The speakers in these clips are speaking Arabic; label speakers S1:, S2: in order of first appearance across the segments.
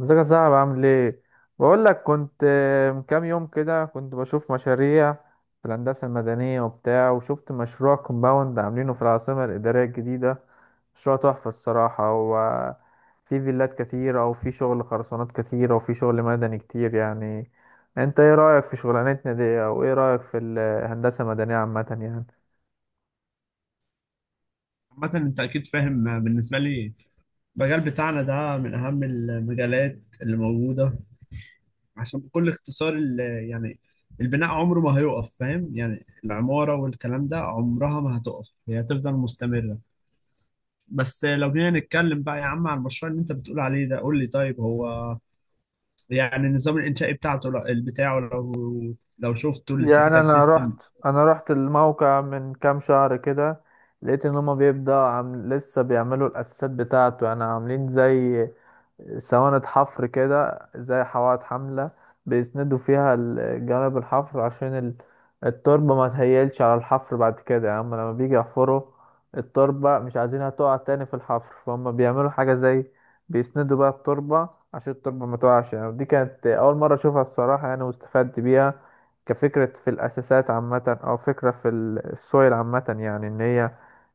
S1: ازيك يا صاحبي، عامل ايه؟ بقول لك كنت من كام يوم كده كنت بشوف مشاريع في الهندسه المدنيه وبتاع، وشفت مشروع كومباوند عاملينه في العاصمه الاداريه الجديده. مشروع تحفه الصراحه. هو في فيلات كتيره، وفي شغل خرسانات كتيره، وفي شغل مدني كتير يعني. انت ايه رايك في شغلانتنا دي، او ايه رايك في الهندسه المدنيه عامه يعني؟
S2: عامة أنت أكيد فاهم. بالنسبة لي المجال بتاعنا ده من أهم المجالات اللي موجودة، عشان بكل اختصار يعني البناء عمره ما هيقف، فاهم؟ يعني العمارة والكلام ده عمرها ما هتقف، هي هتفضل مستمرة. بس لو جينا نتكلم بقى يا عم عن المشروع اللي أنت بتقول عليه ده، قول لي طيب هو يعني النظام الإنشائي بتاعه لو شفته
S1: يعني
S2: الاستاتيكال
S1: انا
S2: سيستم.
S1: رحت انا رحت الموقع من كام شهر كده، لقيت ان هما بيبدأ عم لسه بيعملوا الاساسات بتاعته، يعني عاملين زي سواند حفر كده، زي حواض حملة بيسندوا فيها جانب الحفر، عشان التربة ما تهيلش على الحفر. بعد كده يعني هما لما بيجي يحفروا، التربة مش عايزينها تقع تاني في الحفر، فهم بيعملوا حاجة زي بيسندوا بقى التربة عشان التربة ما تقعش. يعني دي كانت أول مرة أشوفها الصراحة، يعني واستفدت بيها كفكرة في الأساسات عامة، أو فكرة في السويل عامة، يعني إن هي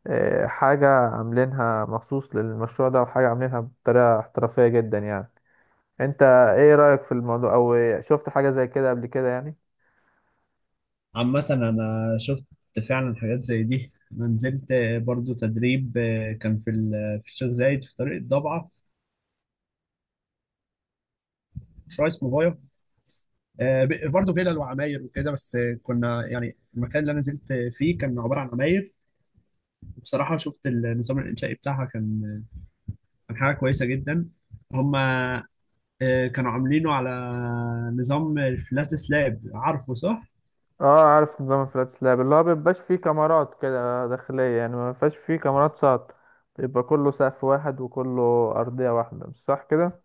S1: حاجة عاملينها مخصوص للمشروع ده، وحاجة عاملينها بطريقة احترافية جدا يعني. انت ايه رأيك في الموضوع، او شفت حاجة زي كده قبل كده يعني؟
S2: عامة أنا شفت فعلا حاجات زي دي، أنا نزلت برضو تدريب، كان في في الشيخ زايد في طريق الضبعة، مشروع اسمه فايا، برضو فيلل وعماير وكده. بس كنا يعني المكان اللي أنا نزلت فيه كان عبارة عن عماير. بصراحة شفت النظام الإنشائي بتاعها، كان كان حاجة كويسة جدا. هما كانوا عاملينه على نظام الفلات سلاب، عارفه صح؟
S1: اه، عارف نظام الفلات سلاب، اللي هو مبيبقاش فيه كاميرات كده داخلية، يعني مبيبقاش فيه كاميرات ساط. بيبقى كله سقف واحد وكله أرضية واحدة، مش صح كده؟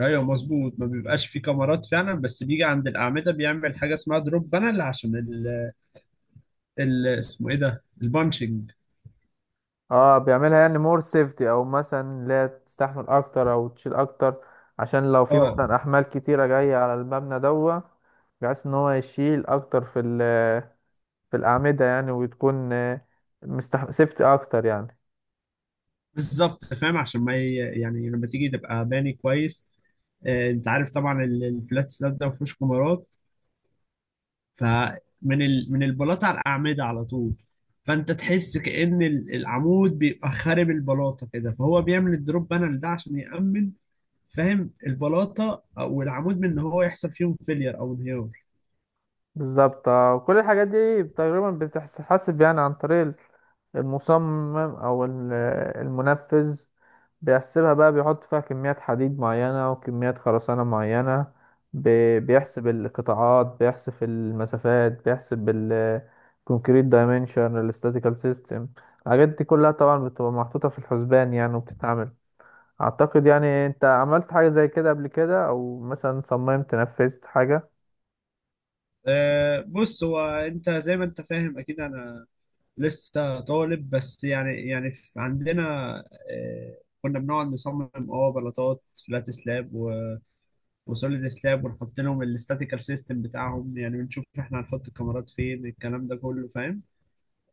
S2: ايوه مظبوط، ما بيبقاش فيه كاميرات فعلا، بس بيجي عند الاعمده بيعمل حاجه اسمها دروب بانل عشان اسمه ايه ده، البانشنج.
S1: اه، بيعملها يعني مور سيفتي، او مثلا لا تستحمل اكتر او تشيل اكتر، عشان لو في
S2: اه
S1: مثلا احمال كتيرة جاية على المبنى دوت، بحيث ان هو يشيل اكتر في في الأعمدة يعني، وتكون مستح سيفتي أكتر يعني.
S2: بالظبط، فاهم؟ عشان ما ي- يعني لما تيجي تبقى باني كويس، انت عارف طبعا الفلات سلاب ده ما فيهوش كمرات، فمن من البلاطه على الاعمده على طول، فانت تحس كأن العمود بيبقى خارب البلاطه كده، فهو بيعمل الدروب بانل ده عشان يأمن، فاهم؟ البلاطه او العمود من ان هو يحصل فيهم فيلير او انهيار.
S1: بالظبط. كل الحاجات دي تقريبا بتتحسب يعني عن طريق المصمم، أو المنفذ. بيحسبها بقى، بيحط فيها كميات حديد معينة وكميات خرسانة معينة. بيحسب القطاعات، بيحسب المسافات، بيحسب الكونكريت دايمنشن الاستاتيكال سيستم. الحاجات دي كلها طبعا بتبقى محطوطة في الحسبان يعني، وبتتعمل. اعتقد يعني انت عملت حاجة زي كده قبل كده، او مثلا صممت نفذت حاجة.
S2: بص، هو انت زي ما انت فاهم اكيد انا لسه طالب بس، يعني عندنا كنا بنقعد نصمم اه بلاطات فلات سلاب وسوليد سلاب، ونحط لهم الاستاتيكال سيستم بتاعهم، يعني بنشوف احنا هنحط الكاميرات فين، الكلام ده كله فاهم؟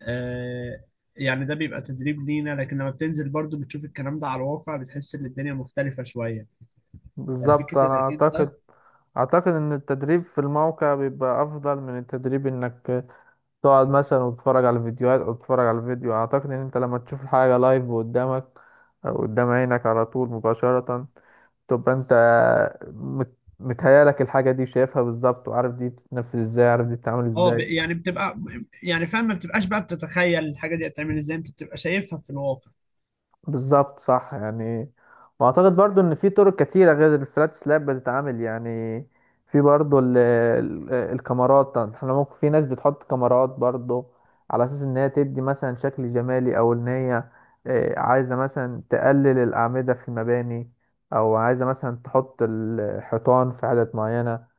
S2: آه، يعني ده بيبقى تدريب لينا، لكن لما بتنزل برضو بتشوف الكلام ده على الواقع بتحس ان الدنيا مختلفة شوية. يعني
S1: بالظبط.
S2: فكرة
S1: انا
S2: انك انت
S1: اعتقد اعتقد ان التدريب في الموقع بيبقى افضل من التدريب انك تقعد مثلا وتتفرج على الفيديوهات، او تتفرج على الفيديو. اعتقد ان انت لما تشوف الحاجة لايف قدامك، او قدام عينك على طول مباشرة، تبقى انت متهيألك الحاجة دي شايفها بالظبط، وعارف دي بتتنفذ ازاي، عارف دي بتتعمل
S2: اه ب-
S1: ازاي.
S2: يعني بتبقى، يعني فاهم، ما بتبقاش بقى بتتخيل الحاجه دي هتعمل ازاي، انت بتبقى شايفها في الواقع.
S1: بالظبط صح يعني. واعتقد برضو ان في طرق كتيره غير الفلات سلاب بتتعمل يعني. في برضو ال ال الكاميرات، احنا ممكن في ناس بتحط كاميرات برضو على اساس ان هي تدي مثلا شكل جمالي، او ان هي عايزه مثلا تقلل الاعمده في المباني، او عايزه مثلا تحط الحيطان في عدد معينه.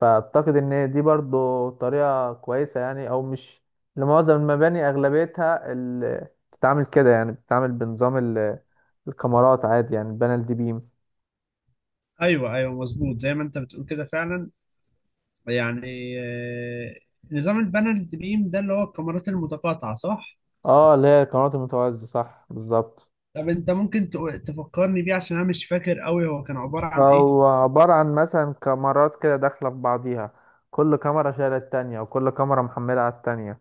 S1: فأعتقد إن دي برضو طريقة كويسة يعني، أو مش لمعظم المباني، أغلبيتها بتتعامل كده يعني، بتتعامل بنظام الكاميرات عادي، يعني البانل الدي بيم.
S2: ايوه ايوه مظبوط، زي ما انت بتقول كده فعلا. يعني نظام البانل بيم ده اللي هو الكاميرات المتقاطعه صح؟
S1: اه، اللي هي الكاميرات المتوازية، صح بالظبط.
S2: طب انت ممكن تفكرني بيه عشان انا مش فاكر قوي هو كان عباره عن ايه؟
S1: أو عبارة عن مثلا كاميرات كده داخلة في بعضيها، كل كاميرا شايلة التانية، وكل كاميرا محملة على التانية،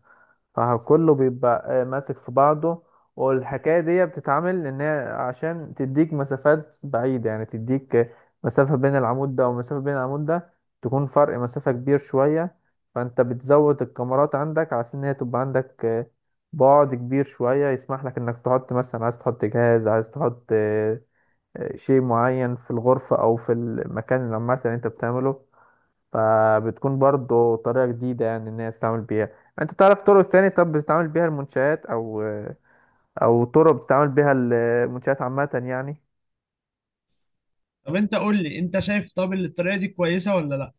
S1: فكله بيبقى ماسك في بعضه. والحكاية دي بتتعمل ان هي عشان تديك مسافات بعيدة، يعني تديك مسافة بين العمود ده ومسافة بين العمود ده، تكون فرق مسافة كبير شوية. فانت بتزود الكاميرات عندك على ان هي تبقى عندك بعد كبير شوية، يسمح لك انك تحط مثلا، عايز تحط جهاز، عايز تحط شيء معين في الغرفة، او في المكان اللي عامة اللي انت بتعمله. فبتكون برضو طريقة جديدة يعني إن هي تتعامل بيها. أنت تعرف طرق تاني طب بتتعامل بيها المنشآت، أو طرق بتتعامل بيها المنشآت عامة يعني؟
S2: طب انت قول لي، انت شايف طب الطريقه دي كويسه ولا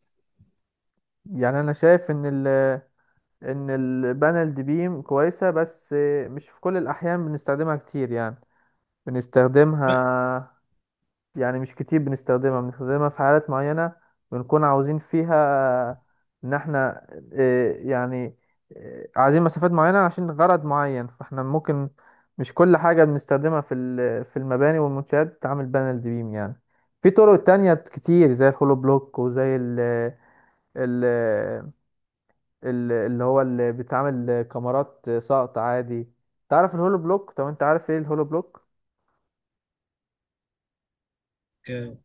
S1: يعني أنا شايف إن إن البانل دي بيم كويسة، بس مش في كل الأحيان بنستخدمها كتير يعني. بنستخدمها، يعني مش كتير بنستخدمها، بنستخدمها في حالات معينة، بنكون عاوزين فيها إن إحنا آه، يعني عايزين مسافات معينة عشان غرض معين، فإحنا ممكن. مش كل حاجة بنستخدمها في في المباني والمنشآت بتتعمل بانل بيم يعني. في طرق تانية كتير زي الهولو بلوك، وزي ال اللي هو اللي بيتعمل كاميرات سقط عادي. تعرف الهولو بلوك؟ طب انت عارف ايه الهولو بلوك؟
S2: لا؟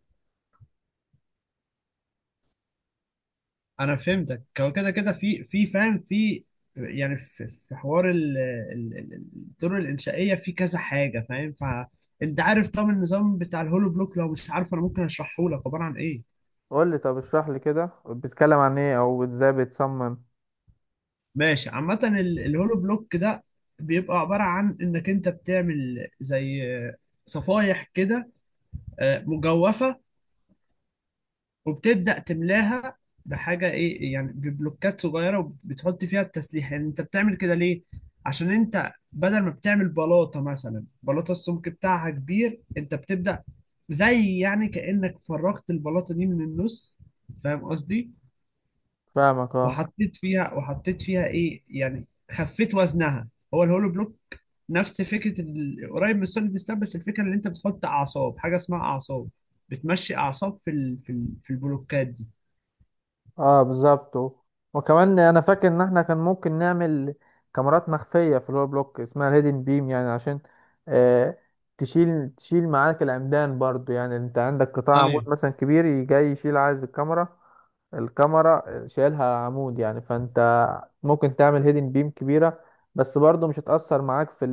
S2: انا فهمتك، هو كده كده في فاهم، في يعني في حوار ال- ال- الطرق الانشائيه في كذا حاجه، فاهم؟ فانت عارف طبعا النظام بتاع الهولو بلوك، لو مش عارف انا ممكن اشرحه لك عباره عن ايه.
S1: قول لي، طب اشرح لي كده، بتتكلم عن ايه؟ او ازاي بتصمم؟
S2: ماشي، عامه الهولو بلوك ده بيبقى عباره عن انك انت بتعمل زي صفايح كده مجوفه، وبتبدأ تملاها بحاجة ايه يعني، ببلوكات صغيرة، وبتحط فيها التسليح. يعني انت بتعمل كده ليه؟ عشان انت بدل ما بتعمل بلاطة مثلا بلاطة السمك بتاعها كبير، انت بتبدأ زي يعني كأنك فرغت البلاطة دي من النص، فاهم قصدي؟
S1: فاهمك، اه.
S2: وحطيت فيها، وحطيت فيها ايه يعني، خفيت وزنها. هو الهولو بلوك نفس فكرة قريب من السوليد ستاب، بس الفكرة ان انت بتحط اعصاب، حاجة اسمها اعصاب، بتمشي اعصاب في في البلوكات دي.
S1: اه بالظبط. وكمان انا فاكر ان احنا كان ممكن نعمل كاميرات مخفية في الهول بلوك، اسمها الهيدن بيم، يعني عشان آه تشيل معاك العمدان برضو يعني. انت عندك قطاع عمود
S2: ايوه
S1: مثلا كبير جاي يشيل، عايز الكاميرا شايلها عمود يعني، فانت ممكن تعمل هيدن بيم كبيرة، بس برضو مش هتأثر معاك في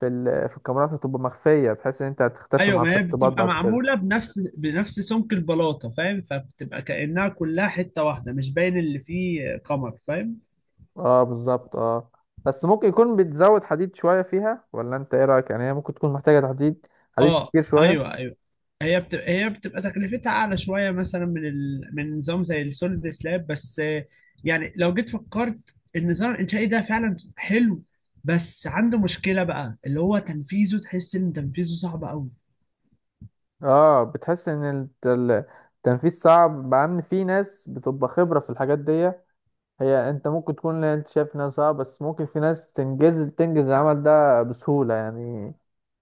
S1: في الكاميرات، هتبقى مخفية بحيث ان انت هتختفي
S2: ايوه،
S1: مع
S2: ما هي
S1: التشطيبات
S2: بتبقى
S1: بعد كده.
S2: معموله بنفس سمك البلاطه، فاهم؟ فبتبقى كانها كلها حته واحده، مش باين اللي فيه قمر، فاهم؟
S1: اه بالظبط، اه. بس ممكن يكون بتزود حديد شوية فيها، ولا انت ايه رأيك؟ يعني هي ممكن تكون محتاجة حديد
S2: اه
S1: كتير شوية.
S2: ايوه ايوه، هي بتبقى تكلفتها اعلى شويه مثلا من من نظام زي السوليد سلاب، بس يعني لو جيت فكرت النظام الانشائي ده فعلا حلو، بس عنده مشكله بقى اللي هو تنفيذه، تحس ان تنفيذه صعب قوي.
S1: اه، بتحس ان التنفيذ صعب، مع ان في ناس بتبقى خبرة في الحاجات دي. هي انت ممكن تكون، لا، انت شايف انها صعب، بس ممكن في ناس تنجز، تنجز العمل ده بسهولة يعني.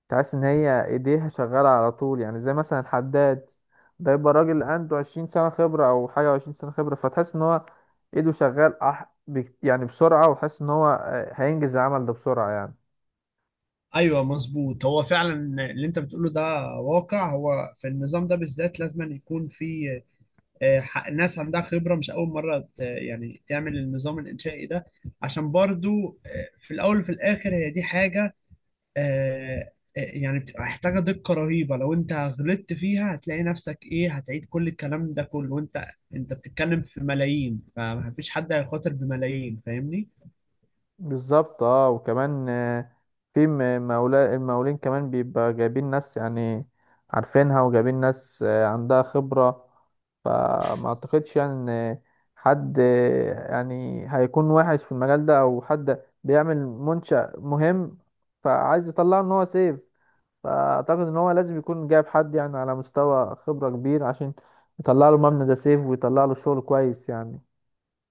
S1: تحس ان هي ايديها شغالة على طول، يعني زي مثلا الحداد ده، يبقى راجل عنده 20 سنة خبرة او حاجة، و20 سنة خبرة، فتحس ان هو ايده شغال يعني بسرعة، وتحس ان هو هينجز العمل ده بسرعة يعني.
S2: ايوه مظبوط، هو فعلا اللي انت بتقوله ده واقع. هو في النظام ده بالذات لازم يكون في ناس عندها خبرة، مش أول مرة يعني تعمل النظام الإنشائي ده، عشان برضو في الأول وفي الآخر هي دي حاجة يعني بتبقى محتاجة دقة رهيبة، لو أنت غلطت فيها هتلاقي نفسك إيه، هتعيد كل الكلام ده كله، وأنت بتتكلم في ملايين، فمفيش حد هيخاطر بملايين، فاهمني؟
S1: بالظبط، اه. وكمان في مولا المقاولين كمان بيبقى جايبين ناس يعني عارفينها، وجايبين ناس عندها خبرة. فما اعتقدش يعني ان حد يعني هيكون وحش في المجال ده، او حد بيعمل منشأ مهم فعايز يطلعه ان هو سيف. فاعتقد ان هو لازم يكون جايب حد يعني على مستوى خبرة كبير، عشان يطلع له مبنى ده سيف، ويطلع له شغل كويس يعني.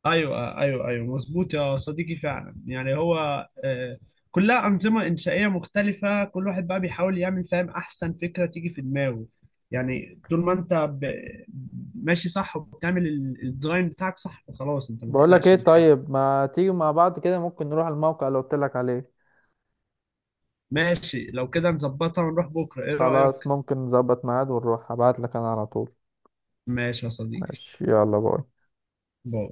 S2: ايوه ايوه ايوه مظبوط يا صديقي، فعلا يعني هو آه، كلها انظمه انشائيه مختلفه، كل واحد بقى بيحاول يعمل فاهم احسن فكره تيجي في دماغه. يعني طول ما انت ماشي صح، وبتعمل الديزاين بتاعك صح، فخلاص انت ما
S1: بقول لك ايه،
S2: تقلقش من حاجه.
S1: طيب ما تيجي مع بعض كده ممكن نروح الموقع اللي قلت لك عليه؟
S2: ماشي، لو كده نظبطها ونروح بكره، ايه
S1: خلاص،
S2: رايك؟
S1: ممكن نظبط ميعاد ونروح، هبعت لك انا على طول.
S2: ماشي يا صديقي،
S1: ماشي، يلا باي.
S2: باي.